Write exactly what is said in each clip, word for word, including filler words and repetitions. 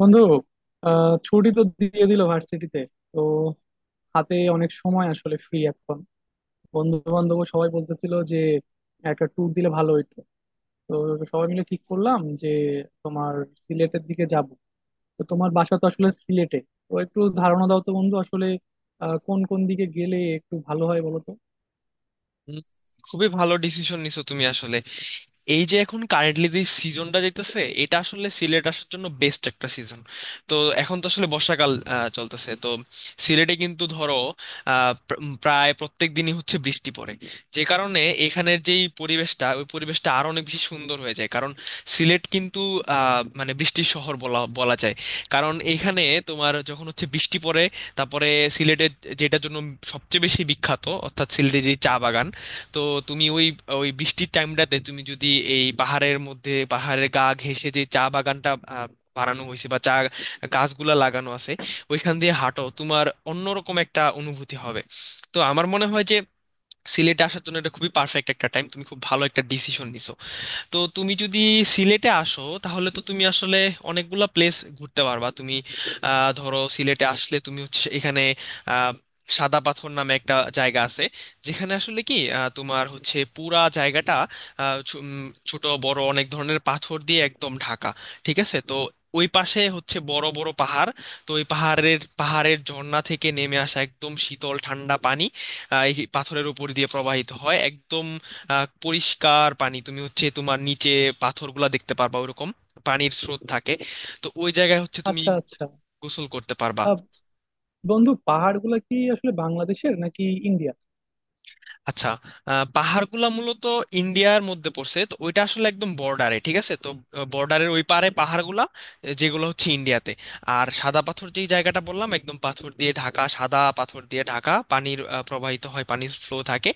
বন্ধু আহ ছুটি তো দিয়ে দিল ভার্সিটিতে। তো হাতে অনেক সময় আসলে ফ্রি এখন। বন্ধু বান্ধব সবাই বলতেছিল যে একটা ট্যুর দিলে ভালো হইতো। তো সবাই মিলে ঠিক করলাম যে তোমার সিলেটের দিকে যাব। তো তোমার বাসা তো আসলে সিলেটে। তো একটু ধারণা দাও তো বন্ধু আসলে আহ, কোন কোন দিকে গেলে একটু ভালো হয় বলো তো। উম, খুবই ভালো ডিসিশন নিছো তুমি আসলে। এই যে এখন কারেন্টলি যে সিজনটা যাইতেছে এটা আসলে সিলেট আসার জন্য বেস্ট একটা সিজন। তো এখন তো আসলে বর্ষাকাল আহ, চলতেছে তো। সিলেটে কিন্তু ধরো আহ, প্র- উম, প্রায় প্রত্যেক দিনই হচ্ছে বৃষ্টি পড়ে, যে কারণে এখানের যেই পরিবেশটা ওই পরিবেশটা আরো অনেক বেশি সুন্দর হয়ে যায়। কারণ সিলেট কিন্তু আহ, মানে বৃষ্টির শহর বলা বলা যায়। কারণ এখানে তোমার যখন হচ্ছে বৃষ্টি পড়ে, তারপরে সিলেটের যেটার জন্য সবচেয়ে বেশি বিখ্যাত অর্থাৎ সিলেটের যে চা বাগান, তো তুমি ওই ওই বৃষ্টির টাইমটাতে তুমি যদি এই পাহাড়ের মধ্যে পাহাড়ের গা ঘেঁষে যে চা বাগানটা আহ, বানানো হয়েছে বা চা গাছগুলা লাগানো আছে ওইখান দিয়ে হাঁটো, তোমার অন্যরকম একটা অনুভূতি হবে। তো আমার মনে হয় যে সিলেটে আসার জন্য এটা খুবই পারফেক্ট একটা টাইম, তুমি খুব ভালো একটা ডিসিশন নিছো। তো তুমি যদি সিলেটে আসো তাহলে তো তুমি আসলে অনেকগুলা প্লেস ঘুরতে পারবা তুমি। আহ, ধরো সিলেটে আসলে তুমি হচ্ছে এখানে আহ, সাদা পাথর নামে একটা জায়গা আছে, যেখানে আসলে কি আহ, তোমার হচ্ছে পুরা জায়গাটা আহ, ছো- উম, ছোট বড় অনেক ধরনের পাথর দিয়ে একদম ঢাকা। ঠিক আছে, তো ওই পাশে হচ্ছে বড় বড় পাহাড়। তো ওই পাহাড়ের পাহাড়ের ঝর্ণা থেকে নেমে আসা একদম শীতল ঠান্ডা পানি আহ, এই পাথরের উপর দিয়ে প্রবাহিত হয়। একদম আহ, পরিষ্কার পানি, তুমি হচ্ছে তোমার নিচে পাথরগুলা দেখতে পারবা, ওরকম পানির স্রোত থাকে। তো ওই জায়গায় হচ্ছে তুমি আচ্ছা আচ্ছা। গোসল করতে পারবা। আহ, বন্ধু পাহাড়গুলো কি আসলে বাংলাদেশের নাকি ইন্ডিয়া? আচ্ছা, আহ, পাহাড়গুলা মূলত ইন্ডিয়ার মধ্যে পড়ছে, তো ওইটা আসলে একদম বর্ডারে। ঠিক আছে, তো বর্ডারের ওই পারে পাহাড়গুলা আহ, যেগুলো হচ্ছে ইন্ডিয়াতে। আর সাদা পাথর যেই জায়গাটা বললাম একদম পাথর দিয়ে ঢাকা, সাদা পাথর দিয়ে ঢাকা, পানির আহ, প্রবাহিত হয়, পানির ফ্লো থাকে,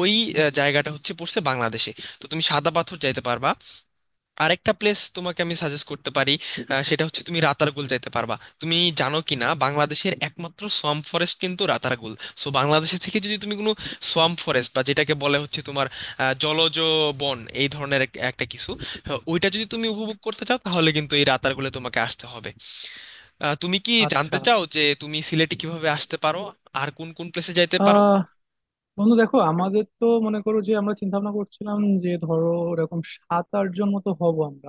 ওই আহ, জায়গাটা হচ্ছে পড়ছে বাংলাদেশে। তো তুমি সাদা পাথর যাইতে পারবা। আরেকটা প্লেস তোমাকে আমি সাজেস্ট করতে পারি, আহ, সেটা হচ্ছে তুমি রাতারগুল যাইতে পারবা। তুমি জানো কি না বাংলাদেশের একমাত্র সোয়াম্প ফরেস্ট কিন্তু রাতারগুল। সো বাংলাদেশে থেকে যদি তুমি কোনো সোয়াম্প ফরেস্ট বা যেটাকে বলে হচ্ছে তোমার আহ, জলজ বন এই ধরনের এক- একটা কিছু আহ, ওইটা যদি তুমি উপভোগ করতে চাও, তাহলে কিন্তু এই রাতারগুলে তোমাকে আসতে হবে। আহ, তুমি কি জানতে আচ্ছা চাও যে তুমি সিলেটে কিভাবে আসতে পারো আর কোন কোন প্লেসে যাইতে পারো? বন্ধু দেখো আমাদের তো মনে করো যে আমরা চিন্তা ভাবনা করছিলাম যে ধরো এরকম সাত আট জন মতো হব আমরা।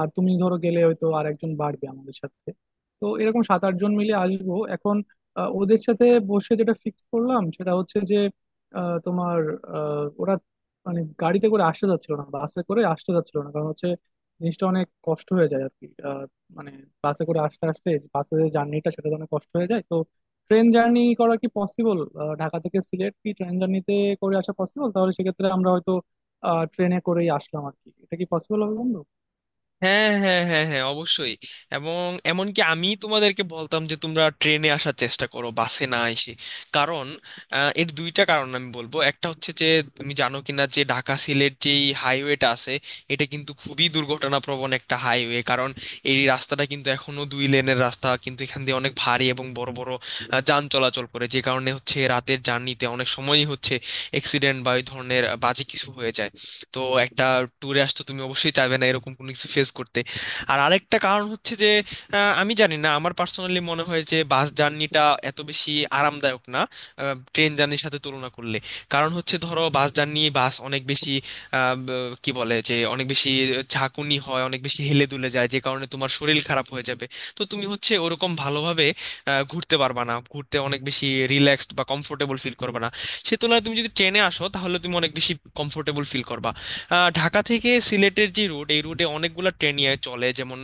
আর তুমি ধরো গেলে হয়তো আর একজন বাড়বে আমাদের সাথে। তো এরকম সাত আট জন মিলে আসবো এখন। আহ, ওদের সাথে বসে যেটা ফিক্স করলাম সেটা হচ্ছে যে আহ, তোমার আহ, ওরা মানে গাড়িতে করে আসতে যাচ্ছিল না, বাসে করে আসতে যাচ্ছিল না, কারণ হচ্ছে জিনিসটা অনেক কষ্ট হয়ে যায় আর কি। আহ, মানে বাসে করে আসতে আসতে, বাসে যে জার্নিটা সেটা তো অনেক কষ্ট হয়ে যায়। তো ট্রেন জার্নি করা কি পসিবল? ঢাকা থেকে সিলেট কি ট্রেন জার্নিতে করে আসা পসিবল? তাহলে সেক্ষেত্রে আমরা হয়তো ট্রেনে করেই আসলাম আর কি। এটা কি পসিবল হবে বন্ধু? হ্যাঁ হ্যাঁ হ্যাঁ হ্যাঁ, অবশ্যই। এবং এমনকি আমি তোমাদেরকে বলতাম যে তোমরা ট্রেনে আসার চেষ্টা করো, বাসে না এসে। কারণ আহ, এর দুইটা কারণ আমি বলবো, একটা হচ্ছে যে তুমি জানো কিনা যে ঢাকা সিলেট যেই হাইওয়েটা আছে, এটা কিন্তু খুবই দুর্ঘটনাপ্রবণ একটা হাইওয়ে। কারণ এই রাস্তাটা কিন্তু এখনো দুই লেনের রাস্তা, কিন্তু এখান দিয়ে অনেক ভারী এবং বড় বড় আহ, যান চলাচল করে, যে কারণে হচ্ছে রাতের জার্নিতে অনেক সময়ই হচ্ছে অ্যাক্সিডেন্ট বা এই ধরনের বাজে কিছু হয়ে যায়। তো একটা ট্যুরে আসতে তুমি অবশ্যই চাইবে না এরকম কোনো কিছু ফেস করতে। আর আরেকটা কারণ হচ্ছে যে আহ, আমি জানি না, আমার পার্সোনালি মনে হয় যে বাস জার্নিটা এত বেশি আরামদায়ক না ট্রেন জার্নির সাথে তুলনা করলে। কারণ হচ্ছে ধরো বাস জার্নি, বাস অনেক বেশি আহ, ব- কি বলে যে, অনেক বেশি ঝাঁকুনি হয়, অনেক বেশি হেলে দুলে যায়, যে কারণে তোমার শরীর খারাপ হয়ে যাবে। তো তুমি হচ্ছে ওরকম ভালোভাবে আহ, ঘুরতে পারবা না, ঘুরতে অনেক বেশি রিল্যাক্সড বা কমফোর্টেবল ফিল করবে না। সে তুলনায় তুমি যদি ট্রেনে আসো তাহলে তুমি অনেক বেশি কমফোর্টেবল ফিল করবা। আহ, ঢাকা থেকে সিলেটের যে রুট, এই রুটে অনেকগুলো ট্রেন চলে, যেমন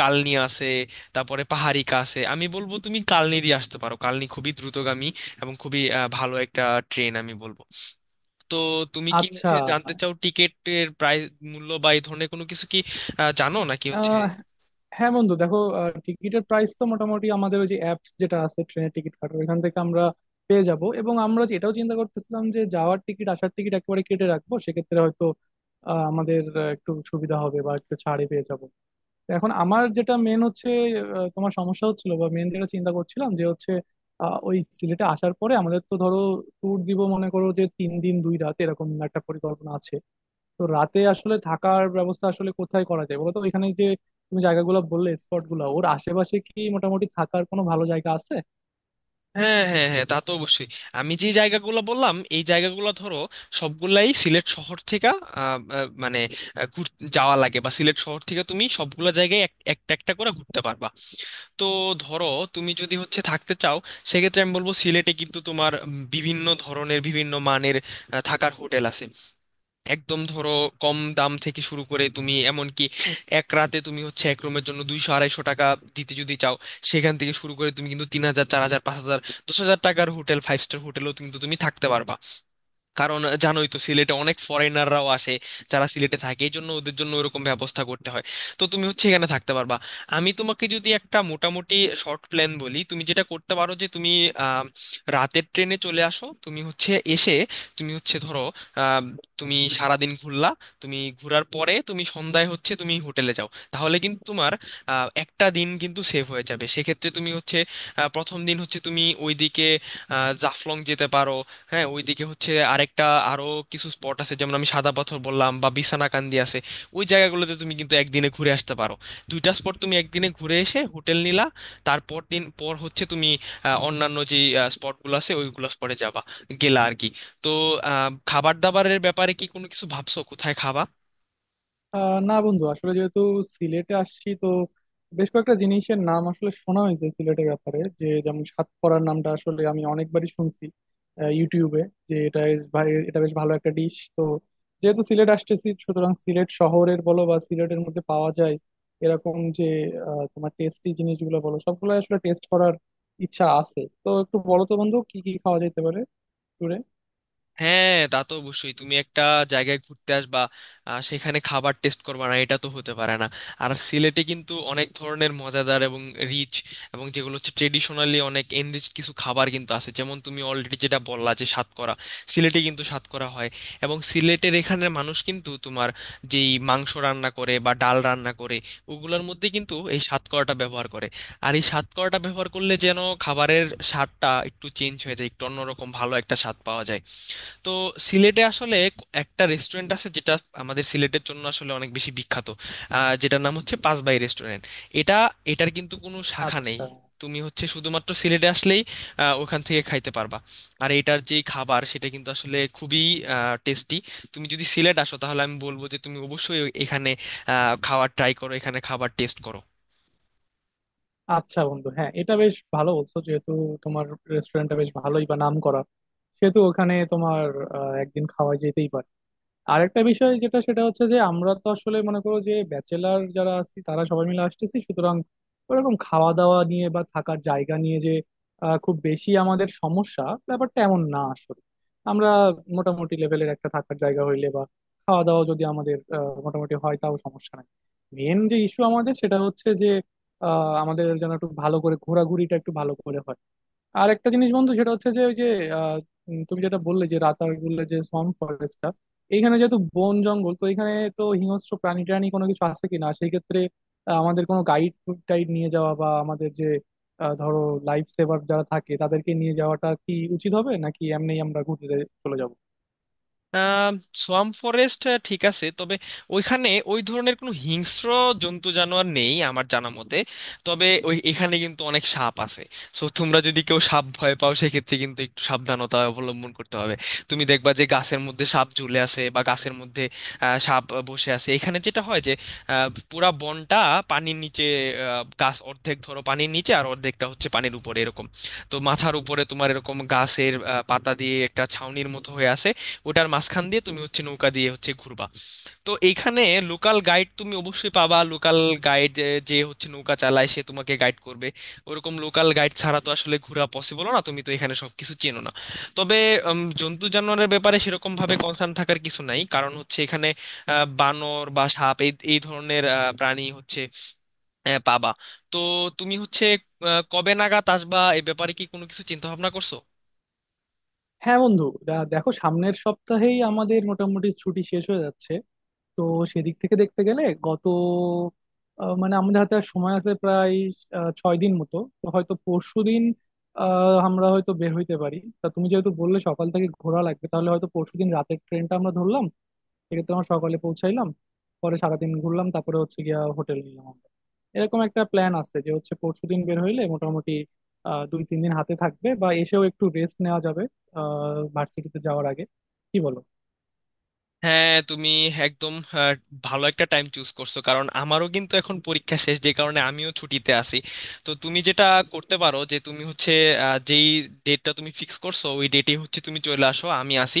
কালনি আছে, তারপরে পাহাড়িকা আছে। আমি বলবো তুমি কালনি দিয়ে আসতে পারো, কালনি খুবই দ্রুতগামী এবং খুবই আহ, ভালো একটা ট্রেন আমি বলবো। তো তুমি কি আচ্ছা। হচ্ছে জানতে চাও টিকেটের প্রাইস, মূল্য বা এই ধরনের কোনো কিছু কি আহ, জানো নাকি হচ্ছে? আহ, হ্যাঁ বন্ধু দেখো, টিকিটের প্রাইস তো মোটামুটি আমাদের ওই যে অ্যাপস যেটা আছে ট্রেনের টিকিট কাটার, ওইখান থেকে আমরা পেয়ে যাব। এবং আমরা যে এটাও চিন্তা করতেছিলাম যে যাওয়ার টিকিট আসার টিকিট একেবারে কেটে রাখবো, সেক্ষেত্রে হয়তো আহ, আমাদের আহ, একটু সুবিধা হবে বা একটু ছাড়ে পেয়ে যাব। এখন আমার যেটা মেন হচ্ছে, আহ, তোমার সমস্যা হচ্ছিল বা মেন যেটা চিন্তা করছিলাম যে হচ্ছে আহ, ওই সিলেটে আসার পরে আমাদের তো ধরো ট্যুর দিব, মনে করো যে তিন দিন দুই রাত এরকম একটা পরিকল্পনা আছে। তো রাতে আসলে থাকার ব্যবস্থা আসলে কোথায় করা যায় বলো তো, এখানে যে তুমি জায়গাগুলো বললে স্পট গুলো, ওর আশেপাশে কি মোটামুটি থাকার কোনো ভালো জায়গা আছে? হ্যাঁ হ্যাঁ হ্যাঁ, তা তো অবশ্যই। আমি যে জায়গাগুলো বললাম এই জায়গাগুলো ধরো সবগুলাই সিলেট শহর থেকে আহ, আহ, মানে আহ, ঘুর- যাওয়া লাগে, বা সিলেট শহর থেকে তুমি সবগুলা জায়গায় এক- একটা একটা করে ঘুরতে পারবা। তো ধরো তুমি যদি হচ্ছে থাকতে চাও, সেক্ষেত্রে আমি বলবো সিলেটে কিন্তু তোমার উম, বিভিন্ন ধরনের বিভিন্ন মানের আহ, থাকার হোটেল আছে। একদম ধরো কম দাম থেকে শুরু করে তুমি এমনকি এক রাতে তুমি হচ্ছে এক রুমের জন্য দুইশো আড়াইশো টাকা দিতে যদি চাও, সেখান থেকে শুরু করে তুমি কিন্তু তিন হাজার, চার হাজার, পাঁচ হাজার, দশ হাজার টাকার হোটেল, ফাইভ স্টার হোটেলও কিন্তু তুমি থাকতে পারবা। কারণ জানোই তো সিলেটে অনেক ফরেনাররাও আসে, যারা সিলেটে থাকে, এই জন্য ওদের জন্য ওরকম ব্যবস্থা করতে হয়। তো তুমি হচ্ছে এখানে থাকতে পারবা। আমি তোমাকে যদি একটা মোটামুটি শর্ট প্ল্যান বলি, তুমি যেটা করতে পারো যে তুমি আহ, রাতের ট্রেনে চলে আসো, তুমি হচ্ছে এসে তুমি হচ্ছে ধরো আহ, তুমি সারাদিন ঘুরলা, তুমি ঘোরার পরে তুমি সন্ধ্যায় হচ্ছে তুমি হোটেলে যাও, তাহলে কিন্তু তোমার আহ, একটা দিন কিন্তু সেভ হয়ে যাবে। সেক্ষেত্রে তুমি হচ্ছে আহ, প্রথম দিন হচ্ছে তুমি ওইদিকে আহ, জাফলং যেতে পারো। হ্যাঁ, ওইদিকে হচ্ছে আরেকটা আরো কিছু স্পট আছে, যেমন আমি সাদা পাথর বললাম বা বিছানাকান্দি আছে, ওই জায়গাগুলোতে তুমি কিন্তু একদিনে ঘুরে আসতে পারো। দুইটা স্পট তুমি একদিনে ঘুরে এসে হোটেল নিলা, তারপর দিন পর হচ্ছে তুমি আহ, অন্যান্য যে স্পটগুলো আছে ওইগুলো স্পটে যাবা, গেলা আর কি। তো আহ, খাবার দাবারের ব্যাপারে কি কোনো কিছু ভাবছো, কোথায় খাবা? আহ না বন্ধু আসলে যেহেতু সিলেটে আসছি তো, বেশ কয়েকটা জিনিসের নাম আসলে শোনা হয়েছে সিলেটের ব্যাপারে, যে যেমন সাতকরার নামটা আসলে আমি অনেকবারই শুনছি আহ, ইউটিউবে, যে এটা এ- ভাই এটা বেশ ভালো একটা ডিশ। তো যেহেতু সিলেট আসতেছি, সুতরাং সিলেট শহরের বলো বা সিলেটের মধ্যে পাওয়া যায় এরকম যে আহ, তোমার টেস্টি জিনিসগুলো বলো, সবগুলো আসলে টেস্ট করার ইচ্ছা আছে। তো একটু বলো তো বন্ধু কি কি খাওয়া যেতে পারে ট্যুরে। হ্যাঁ তা তো অবশ্যই, তুমি একটা জায়গায় ঘুরতে আসবা, আহ, সেখানে খাবার টেস্ট করবা না, এটা তো হতে পারে না। আর সিলেটে কিন্তু অনেক ধরনের মজাদার এবং রিচ এবং যেগুলো হচ্ছে ট্রেডিশনালি অনেক এনরিচ কিছু খাবার কিন্তু আছে, যেমন তুমি অলরেডি যেটা বললা যে সাতকরা। সিলেটে কিন্তু সাতকরা হয় এবং সিলেটের এখানের মানুষ কিন্তু তোমার যেই মাংস রান্না করে বা ডাল রান্না করে ওগুলোর মধ্যে কিন্তু এই সাতকরাটা ব্যবহার করে। আর এই সাতকরাটা ব্যবহার করলে যেন খাবারের স্বাদটা একটু চেঞ্জ হয়ে যায়, একটু অন্যরকম ভালো একটা স্বাদ পাওয়া যায়। তো সিলেটে আসলে ক- একটা রেস্টুরেন্ট আছে যেটা আমাদের সিলেটের জন্য আসলে অনেক বেশি বিখ্যাত, আহ, যেটার নাম হচ্ছে পাঁচবাই রেস্টুরেন্ট। এটা, এটার কিন্তু কোনো শাখা নেই, আচ্ছা তুমি হচ্ছে শুধুমাত্র সিলেটে আসলেই আহ, ওখান থেকে খাইতে পারবা। আর এটার যে খাবার সেটা কিন্তু আসলে খুবই টেস্টি। তুমি যদি সিলেট আসো তাহলে আমি বলবো যে তুমি অবশ্যই এখানে আহ, খাওয়ার ট্রাই করো, এখানে খাবার টেস্ট করো। আচ্ছা বন্ধু, হ্যাঁ এটা বেশ ভালো বলছো। যেহেতু তোমার রেস্টুরেন্টটা বেশ ভালোই বা নাম করা, সেহেতু ওখানে তোমার আহ, একদিন খাওয়া যেতেই পারে। আরেকটা বিষয় যেটা, সেটা হচ্ছে যে আমরা তো আসলে মনে করো যে ব্যাচেলার যারা আছি তারা সবাই মিলে আসতেছি, সুতরাং ওরকম খাওয়া দাওয়া নিয়ে বা থাকার জায়গা নিয়ে যে আহ, খুব বেশি আমাদের সমস্যা, ব্যাপারটা এমন না আসলে। আমরা মোটামুটি লেভেলের একটা থাকার জায়গা হইলে বা খাওয়া দাওয়া যদি আমাদের আহ, মোটামুটি হয় তাও সমস্যা নাই। মেন যে ইস্যু আমাদের সেটা হচ্ছে যে আহ, আমাদের যেন একটু ভালো করে ঘোরাঘুরিটা একটু ভালো করে হয়। আর একটা জিনিস বন্ধু, সেটা হচ্ছে যে ওই যে আহ, উম, তুমি যেটা বললে যে রাতারগুলে যে সন ফরেস্টটা, এইখানে যেহেতু বন জঙ্গল, তো এখানে তো হিংস্র প্রাণী টাণী কোনো কিছু আছে কিনা? সেই ক্ষেত্রে আহ, আমাদের কোনো গাইড টাইড নিয়ে যাওয়া বা আমাদের যে আহ, ধরো লাইফ সেভার যারা থাকে তাদেরকে নিয়ে যাওয়াটা কি উচিত হবে, নাকি এমনি আমরা ঘুরতে চলে যাব? সোয়াম্প ফরেস্ট, ঠিক আছে। তবে ওইখানে ওই ধরনের কোনো হিংস্র জন্তু জানোয়ার নেই আমার জানা মতে। তবে ওই এখানে কিন্তু অনেক সাপ আছে। সো তোমরা যদি কেউ সাপ ভয় পাও সেক্ষেত্রে কিন্তু একটু সাবধানতা অবলম্বন করতে হবে। তুমি দেখবা যে গাছের মধ্যে সাপ ঝুলে আছে বা গাছের মধ্যে আহ, সাপ বসে আছে। এখানে যেটা হয় যে আহ, পুরা বনটা পানির নিচে, আহ, গাছ অর্ধেক ধরো পানির নিচে আর অর্ধেকটা হচ্ছে পানির উপরে, এরকম। তো মাথার উপরে তোমার এরকম গাছের আহ, পাতা দিয়ে একটা ছাউনির মতো হয়ে আছে, ওটার মাঝখান দিয়ে তুমি হচ্ছে নৌকা দিয়ে হচ্ছে ঘুরবা। তো এইখানে লোকাল গাইড তুমি অবশ্যই পাবা, লোকাল গাইড যে হচ্ছে নৌকা চালায় সে তোমাকে গাইড করবে। ওরকম লোকাল গাইড ছাড়া তো আসলে ঘোরা পসিবল না, তুমি তো এখানে সবকিছু চেনো না। তবে উম, জন্তু জানোয়ারের ব্যাপারে সেরকম ভাবে কনসার্ন থাকার কিছু নাই, কারণ হচ্ছে এখানে আহ, বানর বা সাপ এই এই ধরনের আহ, প্রাণী হচ্ছে আহ, পাবা। তো তুমি হচ্ছে আহ, কবে নাগাদ আসবা এই ব্যাপারে কি কোনো কিছু চিন্তা ভাবনা করছো? হ্যাঁ বন্ধু দা- দেখো, সামনের সপ্তাহেই আমাদের মোটামুটি ছুটি শেষ হয়ে যাচ্ছে। তো সেদিক থেকে দেখতে গেলে গত আহ, মানে আমাদের হাতে আর সময় আছে প্রায় আহ, ছয় দিন মতো। তো হয়তো পরশু দিন আমরা হয়তো বের হইতে পারি। তা তুমি যেহেতু বললে সকাল থেকে ঘোরা লাগবে, তাহলে হয়তো পরশু দিন রাতের ট্রেনটা আমরা ধরলাম, সেক্ষেত্রে আমরা সকালে পৌঁছাইলাম, পরে সারাদিন ঘুরলাম, তারপরে হচ্ছে গিয়া হোটেল নিলাম আমরা। এরকম একটা প্ল্যান আছে যে হচ্ছে পরশু দিন বের হইলে মোটামুটি আহ দুই তিন দিন হাতে থাকবে, বা এসেও একটু রেস্ট নেওয়া যাবে আহ ভার্সিটিতে যাওয়ার আগে। কি বলো? হ্যাঁ, তুমি একদম আহ, ভালো একটা টাইম চুজ করছো, কারণ আমারও কিন্তু এখন পরীক্ষা শেষ, যে কারণে আমিও ছুটিতে আছি। তো তুমি যেটা করতে পারো যে তুমি হচ্ছে আহ, যেই ডেটটা তুমি ফিক্স করছো ওই ডেটে হচ্ছে তুমি চলে আসো, আমি আসি।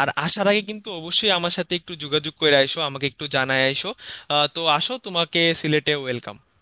আর আসার আগে কিন্তু অবশ্যই আমার সাথে একটু যোগাযোগ করে আইসো, আমাকে একটু জানায় আইসো। আহ, তো আসো, তোমাকে সিলেটে ওয়েলকাম।